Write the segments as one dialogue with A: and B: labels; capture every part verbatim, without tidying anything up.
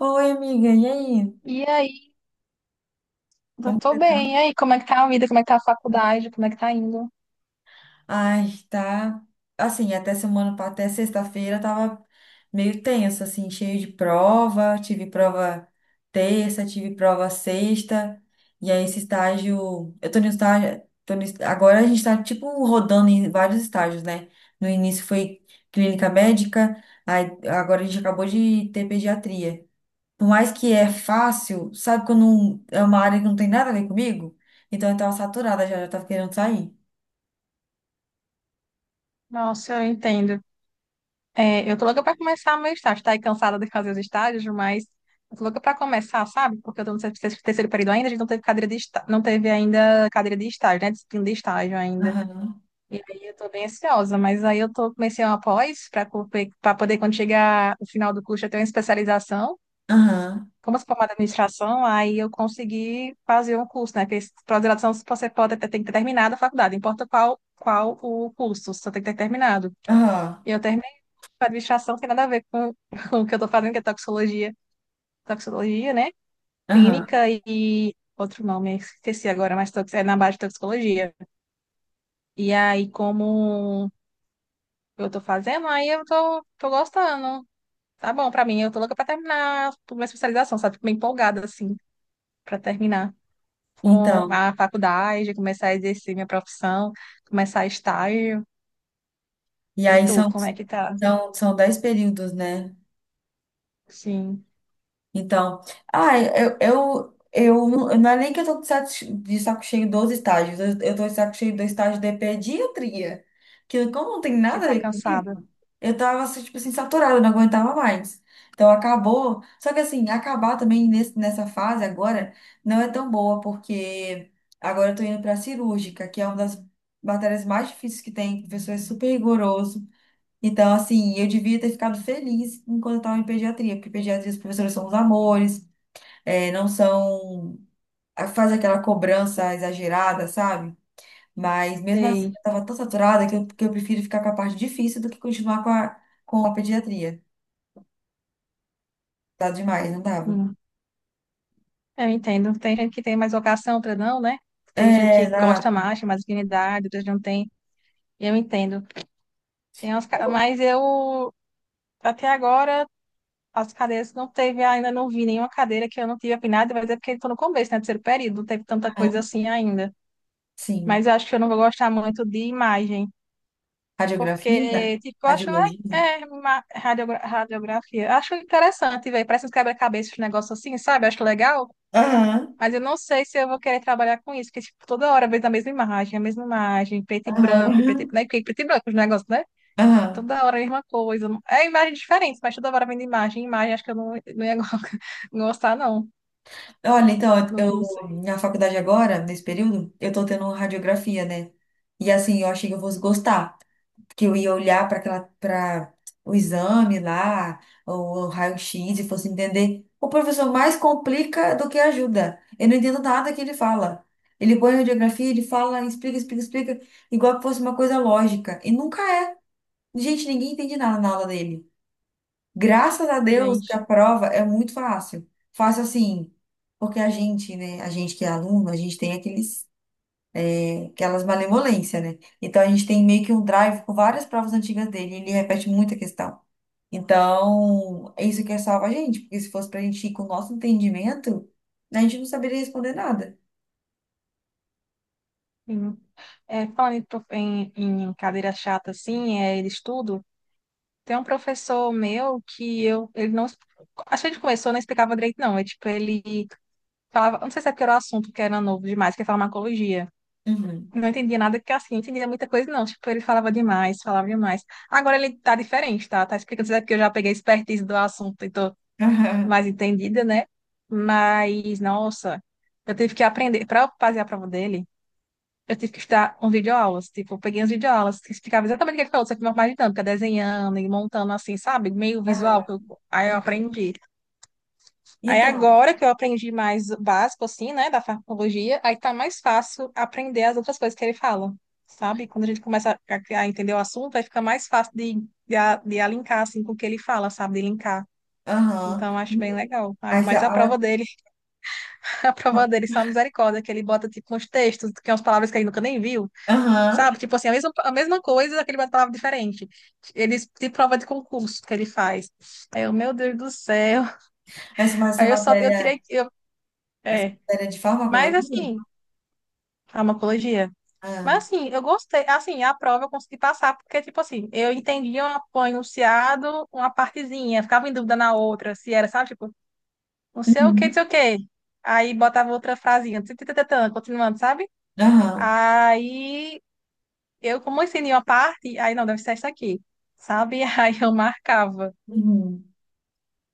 A: Oi, amiga, e aí?
B: E aí, eu
A: Como
B: tô
A: você tá?
B: bem. E aí, como é que tá a vida? Como é que tá a faculdade? Como é que tá indo?
A: Ai, tá. Assim, até semana, pa- até sexta-feira tava meio tenso, assim, cheio de prova. Tive prova terça, tive prova sexta. E aí, esse estágio. Eu tô no estágio. Tô no, est- agora a gente tá, tipo, rodando em vários estágios, né? No início foi clínica médica, aí agora a gente acabou de ter pediatria. Por mais que é fácil, sabe quando não- é uma área que não tem nada a ver comigo? Então eu tava saturada já, já tava querendo sair.
B: Nossa, eu entendo. É, eu tô louca pra começar meu estágio. Tá aí cansada de fazer os estágios, mas eu tô louca pra começar, sabe? Porque eu tô no ter- terceiro período ainda, a gente não teve cadeira de estágio, não teve ainda cadeira de estágio, né? Disciplina de estágio ainda.
A: Aham,
B: E aí eu tô bem ansiosa, mas aí eu tô comecei uma pós pra, co- pra poder, quando chegar o final do curso, eu ter uma especialização.
A: aham,
B: Como eu sou formada em administração, aí eu consegui fazer um curso, né? Porque pós-graduação você pode ter, tem que ter terminado a faculdade, não importa qual, qual o curso, você tem que ter terminado.
A: aham,
B: E eu terminei a administração, não tem nada a ver com, com o que eu estou fazendo, que é toxicologia, toxicologia, né?
A: aham.
B: Clínica e outro nome, esqueci agora, mas tox- é na base de toxicologia. E aí, como eu estou fazendo, aí eu tô, tô gostando. Tá bom pra mim, eu tô louca pra terminar a minha especialização, sabe? Fico bem empolgada, assim, pra terminar. Com
A: Então,
B: a faculdade, começar a exercer minha profissão, começar estágio.
A: e
B: E
A: aí
B: tu,
A: são,
B: como é que tá?
A: são, são dez períodos, né?
B: Sim,
A: Então, ah, eu, eu, eu não não é nem que eu tô de saco de saco cheio dos estágios, eu, eu tô de saco cheio do estágio de pediatria, que como não tem
B: que
A: nada a
B: tá
A: ver
B: cansada.
A: comigo, eu tava, assim, tipo assim, saturada, eu não aguentava mais. Então acabou, só que assim, acabar também nesse, nessa fase agora não é tão boa, porque agora eu tô indo pra cirúrgica, que é uma das matérias mais difíceis que tem, professor é super rigoroso. Então, assim, eu devia ter ficado feliz enquanto eu estava em pediatria, porque pediatria, os professores são os amores, é não são. Faz aquela cobrança exagerada, sabe? Mas mesmo assim,
B: Sei.
A: eu estava tão saturada que eu, que eu prefiro ficar com a parte difícil do que continuar com a, com a pediatria. Tá demais, não dava?
B: Hum, eu entendo. Tem gente que tem mais vocação, outra não, né? Tem gente que
A: É, na,
B: gosta mais, tem mais afinidade, outras não tem. Eu entendo. Tem umas, ca- mas eu, até agora, as cadeiras não teve, ainda não vi nenhuma cadeira que eu não tive afinidade, mas é porque estou no começo, né? Terceiro período, não teve tanta coisa assim ainda. Mas
A: sim.
B: eu acho que eu não vou gostar muito de imagem.
A: Radiografia?
B: Porque, tipo, eu acho le-
A: Radiologia?
B: é, uma radiogra- radiografia. Acho interessante, velho. Parece uns quebra-cabeças, um negócio assim, sabe? Acho legal.
A: Aham,
B: Mas eu não sei se eu vou querer trabalhar com isso, porque, tipo, toda hora vem a mesma imagem, a mesma imagem, preto e branco, e
A: aham,
B: preto e, né? Porque preto e branco, os negócios, né?
A: aham.
B: Toda hora a mesma coisa. É imagem diferente, mas toda hora vem de imagem, em imagem. Acho que eu não, não ia gostar, não.
A: Olha, então,
B: Não,
A: eu
B: não sei,
A: na faculdade agora, nesse período, eu tô tendo radiografia, né? E assim, eu achei que eu fosse gostar, que eu ia olhar para aquela para o exame lá, ou o raio-x e fosse entender. O professor mais complica do que ajuda. Eu não entendo nada que ele fala. Ele põe a radiografia, ele fala, explica, explica, explica, igual que fosse uma coisa lógica. E nunca é. Gente, ninguém entende nada na aula dele. Graças a Deus que
B: gente.
A: a prova é muito fácil. Fácil assim, porque a gente, né, a gente que é aluno, a gente tem aqueles, é, aquelas malemolências, né? Então a gente tem meio que um drive com várias provas antigas dele, e ele repete muita questão. Então, é isso que é salva a gente, porque se fosse pra gente ir com o nosso entendimento, a gente não saberia responder nada.
B: Sim. É, falando em, prof- em, em cadeira chata, assim, é, de estudo. Tem um professor meu que eu, ele não, acho que ele começou, não explicava direito, não. É tipo, ele falava, não sei se é porque era o assunto que era novo demais, que é farmacologia.
A: Uhum.
B: Não entendia nada, que assim, não entendia muita coisa, não. Tipo, ele falava demais, falava demais. Agora ele tá diferente, tá? Tá explicando, não sei se é porque eu já peguei a expertise do assunto e tô mais entendida, né? Mas, nossa, eu tive que aprender, para fazer a prova dele eu tive que estudar um videoaulas, tipo, eu peguei as videoaulas que explicava exatamente o que ele falou, só que de uma forma dinâmica, desenhando e montando assim, sabe? Meio
A: Aham,
B: visual, que eu- aí eu
A: aham, aham.
B: aprendi. Aí
A: Então,
B: agora que eu aprendi mais o básico, assim, né, da farmacologia, aí tá mais fácil aprender as outras coisas que ele fala, sabe? Quando a gente começa a, a entender o assunto, aí fica mais fácil de, de, a- de alinhar, assim, com o que ele fala, sabe? De linkar.
A: aham.
B: Então, eu acho bem legal. sabe?
A: Essa,
B: Mas a
A: a-
B: prova dele, a prova dele, só misericórdia, que ele bota, tipo, uns textos, que são umas palavras que ele nunca nem viu.
A: aham.
B: Sabe? Tipo assim, a mesma, a mesma coisa, aquele bate palavra diferente. Ele de prova de concurso que ele faz. Aí eu, meu Deus do céu.
A: Essa, mas essa
B: Aí eu só, eu tirei,
A: matéria,
B: eu,
A: essa
B: é.
A: matéria de
B: Mas
A: farmacologia.
B: assim, farmacologia. Mas
A: Ah,
B: assim, eu gostei, assim, a prova eu consegui passar, porque tipo assim, eu entendia um um enunciado, uma partezinha, ficava em dúvida na outra, se era, sabe? Tipo, não sei o que, não
A: uhum,
B: sei o que. Aí botava outra frasinha, tã, tã, tã, tã, tã, continuando, sabe?
A: aham,
B: Aí eu, como eu ensinei uma parte, aí não, deve ser essa aqui, sabe? Aí eu marcava.
A: uhum.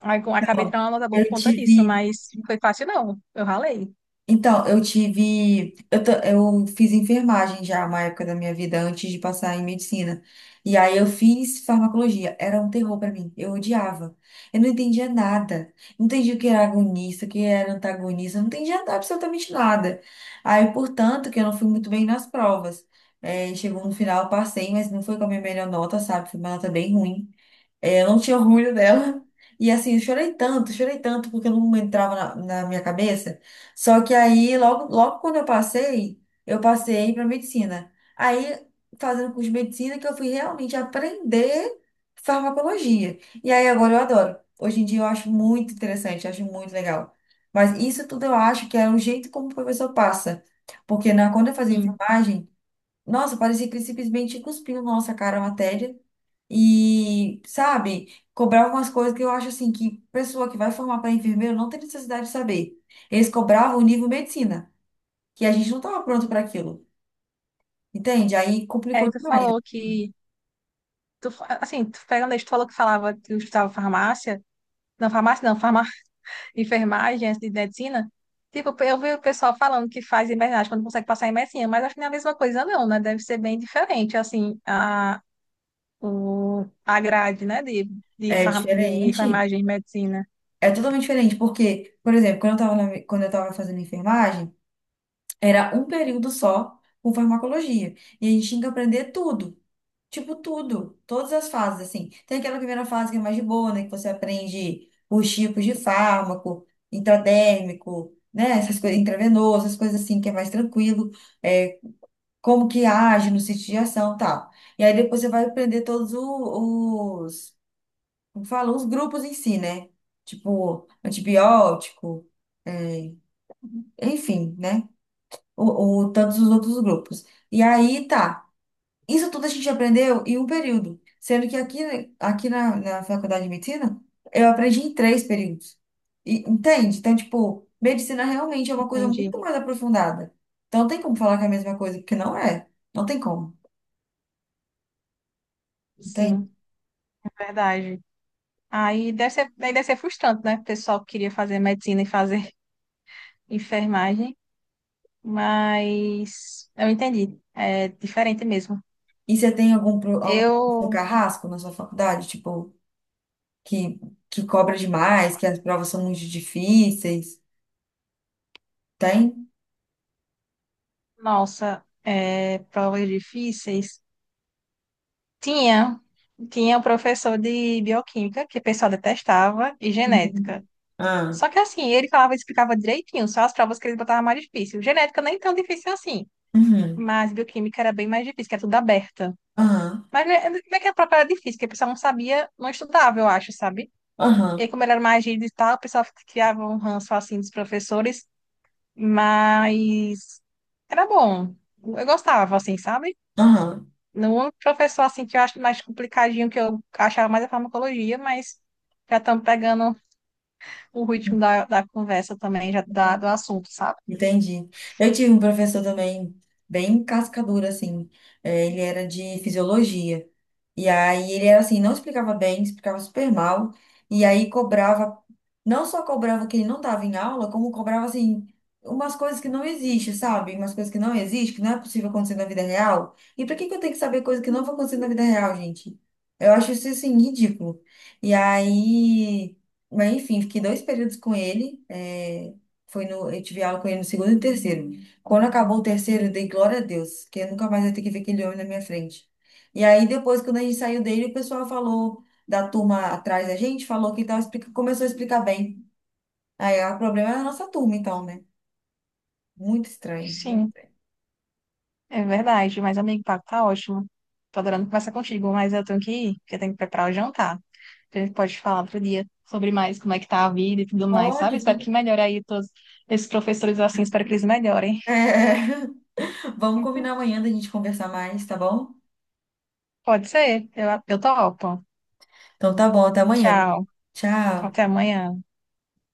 B: Aí eu acabei
A: Então,
B: tirando uma nota boa por
A: eu
B: conta disso,
A: tive.
B: mas não foi fácil, não. Eu ralei.
A: Então, eu tive. Eu, ta- eu fiz enfermagem já uma época da minha vida, antes de passar em medicina. E aí eu fiz farmacologia. Era um terror pra mim. Eu odiava. Eu não entendia nada. Não entendia o que era agonista, o que era antagonista. Eu não entendia absolutamente nada. Aí, portanto, que eu não fui muito bem nas provas. É, chegou no final, eu passei, mas não foi com a minha melhor nota, sabe? Foi uma nota bem ruim. É, eu não tinha orgulho dela. E assim, eu chorei tanto, chorei tanto, porque não entrava na, na minha cabeça. Só que aí, logo, logo quando eu passei, eu passei para medicina. Aí, fazendo curso de medicina, que eu fui realmente aprender farmacologia. E aí, agora eu adoro. Hoje em dia, eu acho muito interessante, acho muito legal. Mas isso tudo eu acho que é o jeito como o professor passa. Porque na, quando eu fazia
B: Sim.
A: enfermagem, nossa, parecia que ele simplesmente cuspiu na nossa cara a matéria e, sabe, cobrar algumas coisas que eu acho assim que pessoa que vai formar para enfermeiro não tem necessidade de saber. Eles cobravam o nível medicina, que a gente não estava pronto para aquilo. Entende? Aí
B: É,
A: complicou
B: tu
A: demais.
B: falou que, tu, fa- assim, tu pegando isso, tu falou que falava que eu estudava farmácia. Não, farmácia não, enfermagem, antes de medicina, tipo, eu vi o pessoal falando que faz enfermagem quando consegue passar em medicina, mas acho que não é a mesma coisa não, né? Deve ser bem diferente, assim, a, o, a grade, né, de, de,
A: É
B: farm, de
A: diferente.
B: enfermagem e medicina.
A: É totalmente diferente, porque, por exemplo, quando eu estava quando eu estava fazendo enfermagem, era um período só com farmacologia. E a gente tinha que aprender tudo. Tipo, tudo. Todas as fases, assim. Tem aquela primeira fase que é mais de boa, né? Que você aprende os tipos de fármaco, intradérmico, né? Essas coisas, intravenoso, essas coisas assim, que é mais tranquilo. É, como que age no sítio de ação e tal. E aí depois você vai aprender todos o- os, como fala? Os grupos em si, né? Tipo, antibiótico, é, enfim, né? ou, ou tantos os outros grupos. E aí tá. Isso tudo a gente aprendeu em um período, sendo que aqui, aqui na, na faculdade de medicina eu aprendi em três períodos. E, entende? Então, tipo, medicina realmente é uma coisa
B: Entendi.
A: muito mais aprofundada. Então, não tem como falar que é a mesma coisa, porque não é. Não tem como, entende?
B: Sim, verdade. Aí deve ser, aí deve ser frustrante, né? O pessoal que queria fazer medicina e fazer enfermagem, mas eu entendi. É diferente mesmo.
A: E você tem algum, pro- algum professor
B: Eu,
A: carrasco na sua faculdade, tipo, que, que cobra demais, que as provas são muito difíceis? Tem?
B: Nossa, é, provas difíceis. Tinha, tinha o professor de bioquímica que o pessoal detestava e
A: Uhum.
B: genética.
A: Ah.
B: Só que assim, ele falava e explicava direitinho, só as provas que ele botava mais difícil. Genética nem tão difícil assim,
A: Uhum.
B: mas bioquímica era bem mais difícil, que era tudo aberta.
A: Aham.
B: Mas né, não é que a prova era difícil, que o pessoal não sabia, não estudava, eu acho, sabe? E
A: Aham,
B: aí, como ele era mais rígido e tal, o pessoal criava um ranço assim dos professores, mas era bom. Eu gostava, assim, sabe?
A: aham,
B: No único professor assim que eu acho mais complicadinho, que eu achava mais a farmacologia, mas já estamos pegando o ritmo da, da conversa também, já da, do assunto, sabe?
A: entendi. Eu tive um professor também, bem cascadura, assim. É, ele era de fisiologia. E aí ele era assim, não explicava bem, explicava super mal. E aí cobrava, não só cobrava que ele não estava em aula, como cobrava assim, umas coisas que não existem, sabe? Umas coisas que não existem, que não é possível acontecer na vida real. E por que que eu tenho que saber coisa que não vai acontecer na vida real, gente? Eu acho isso assim, ridículo. E aí, mas enfim, fiquei dois períodos com ele. Eh, Foi no, eu tive aula com ele no segundo e no terceiro. Quando acabou o terceiro, eu dei glória a Deus, que eu nunca mais ia ter que ver aquele homem na minha frente. E aí, depois, quando a gente saiu dele, o pessoal falou da turma atrás da gente, falou que tava explica... começou a explicar bem. Aí, ah, o problema é a nossa turma, então, né? Muito estranho.
B: Sim,
A: muito-
B: é verdade. Mas, amigo, o papo tá ótimo. Tô adorando conversar contigo, mas eu tenho que ir, porque eu tenho que preparar o jantar. A gente pode falar outro dia sobre mais como é que tá a vida e tudo mais,
A: Pode.
B: sabe? Espero
A: vamos-
B: que melhore aí todos esses professores assim, espero que eles melhorem.
A: É, Vamos combinar
B: Uhum.
A: amanhã da gente conversar mais, tá bom?
B: Pode ser, eu, eu topo.
A: Então tá bom, até amanhã.
B: Tchau, até
A: Tchau.
B: amanhã.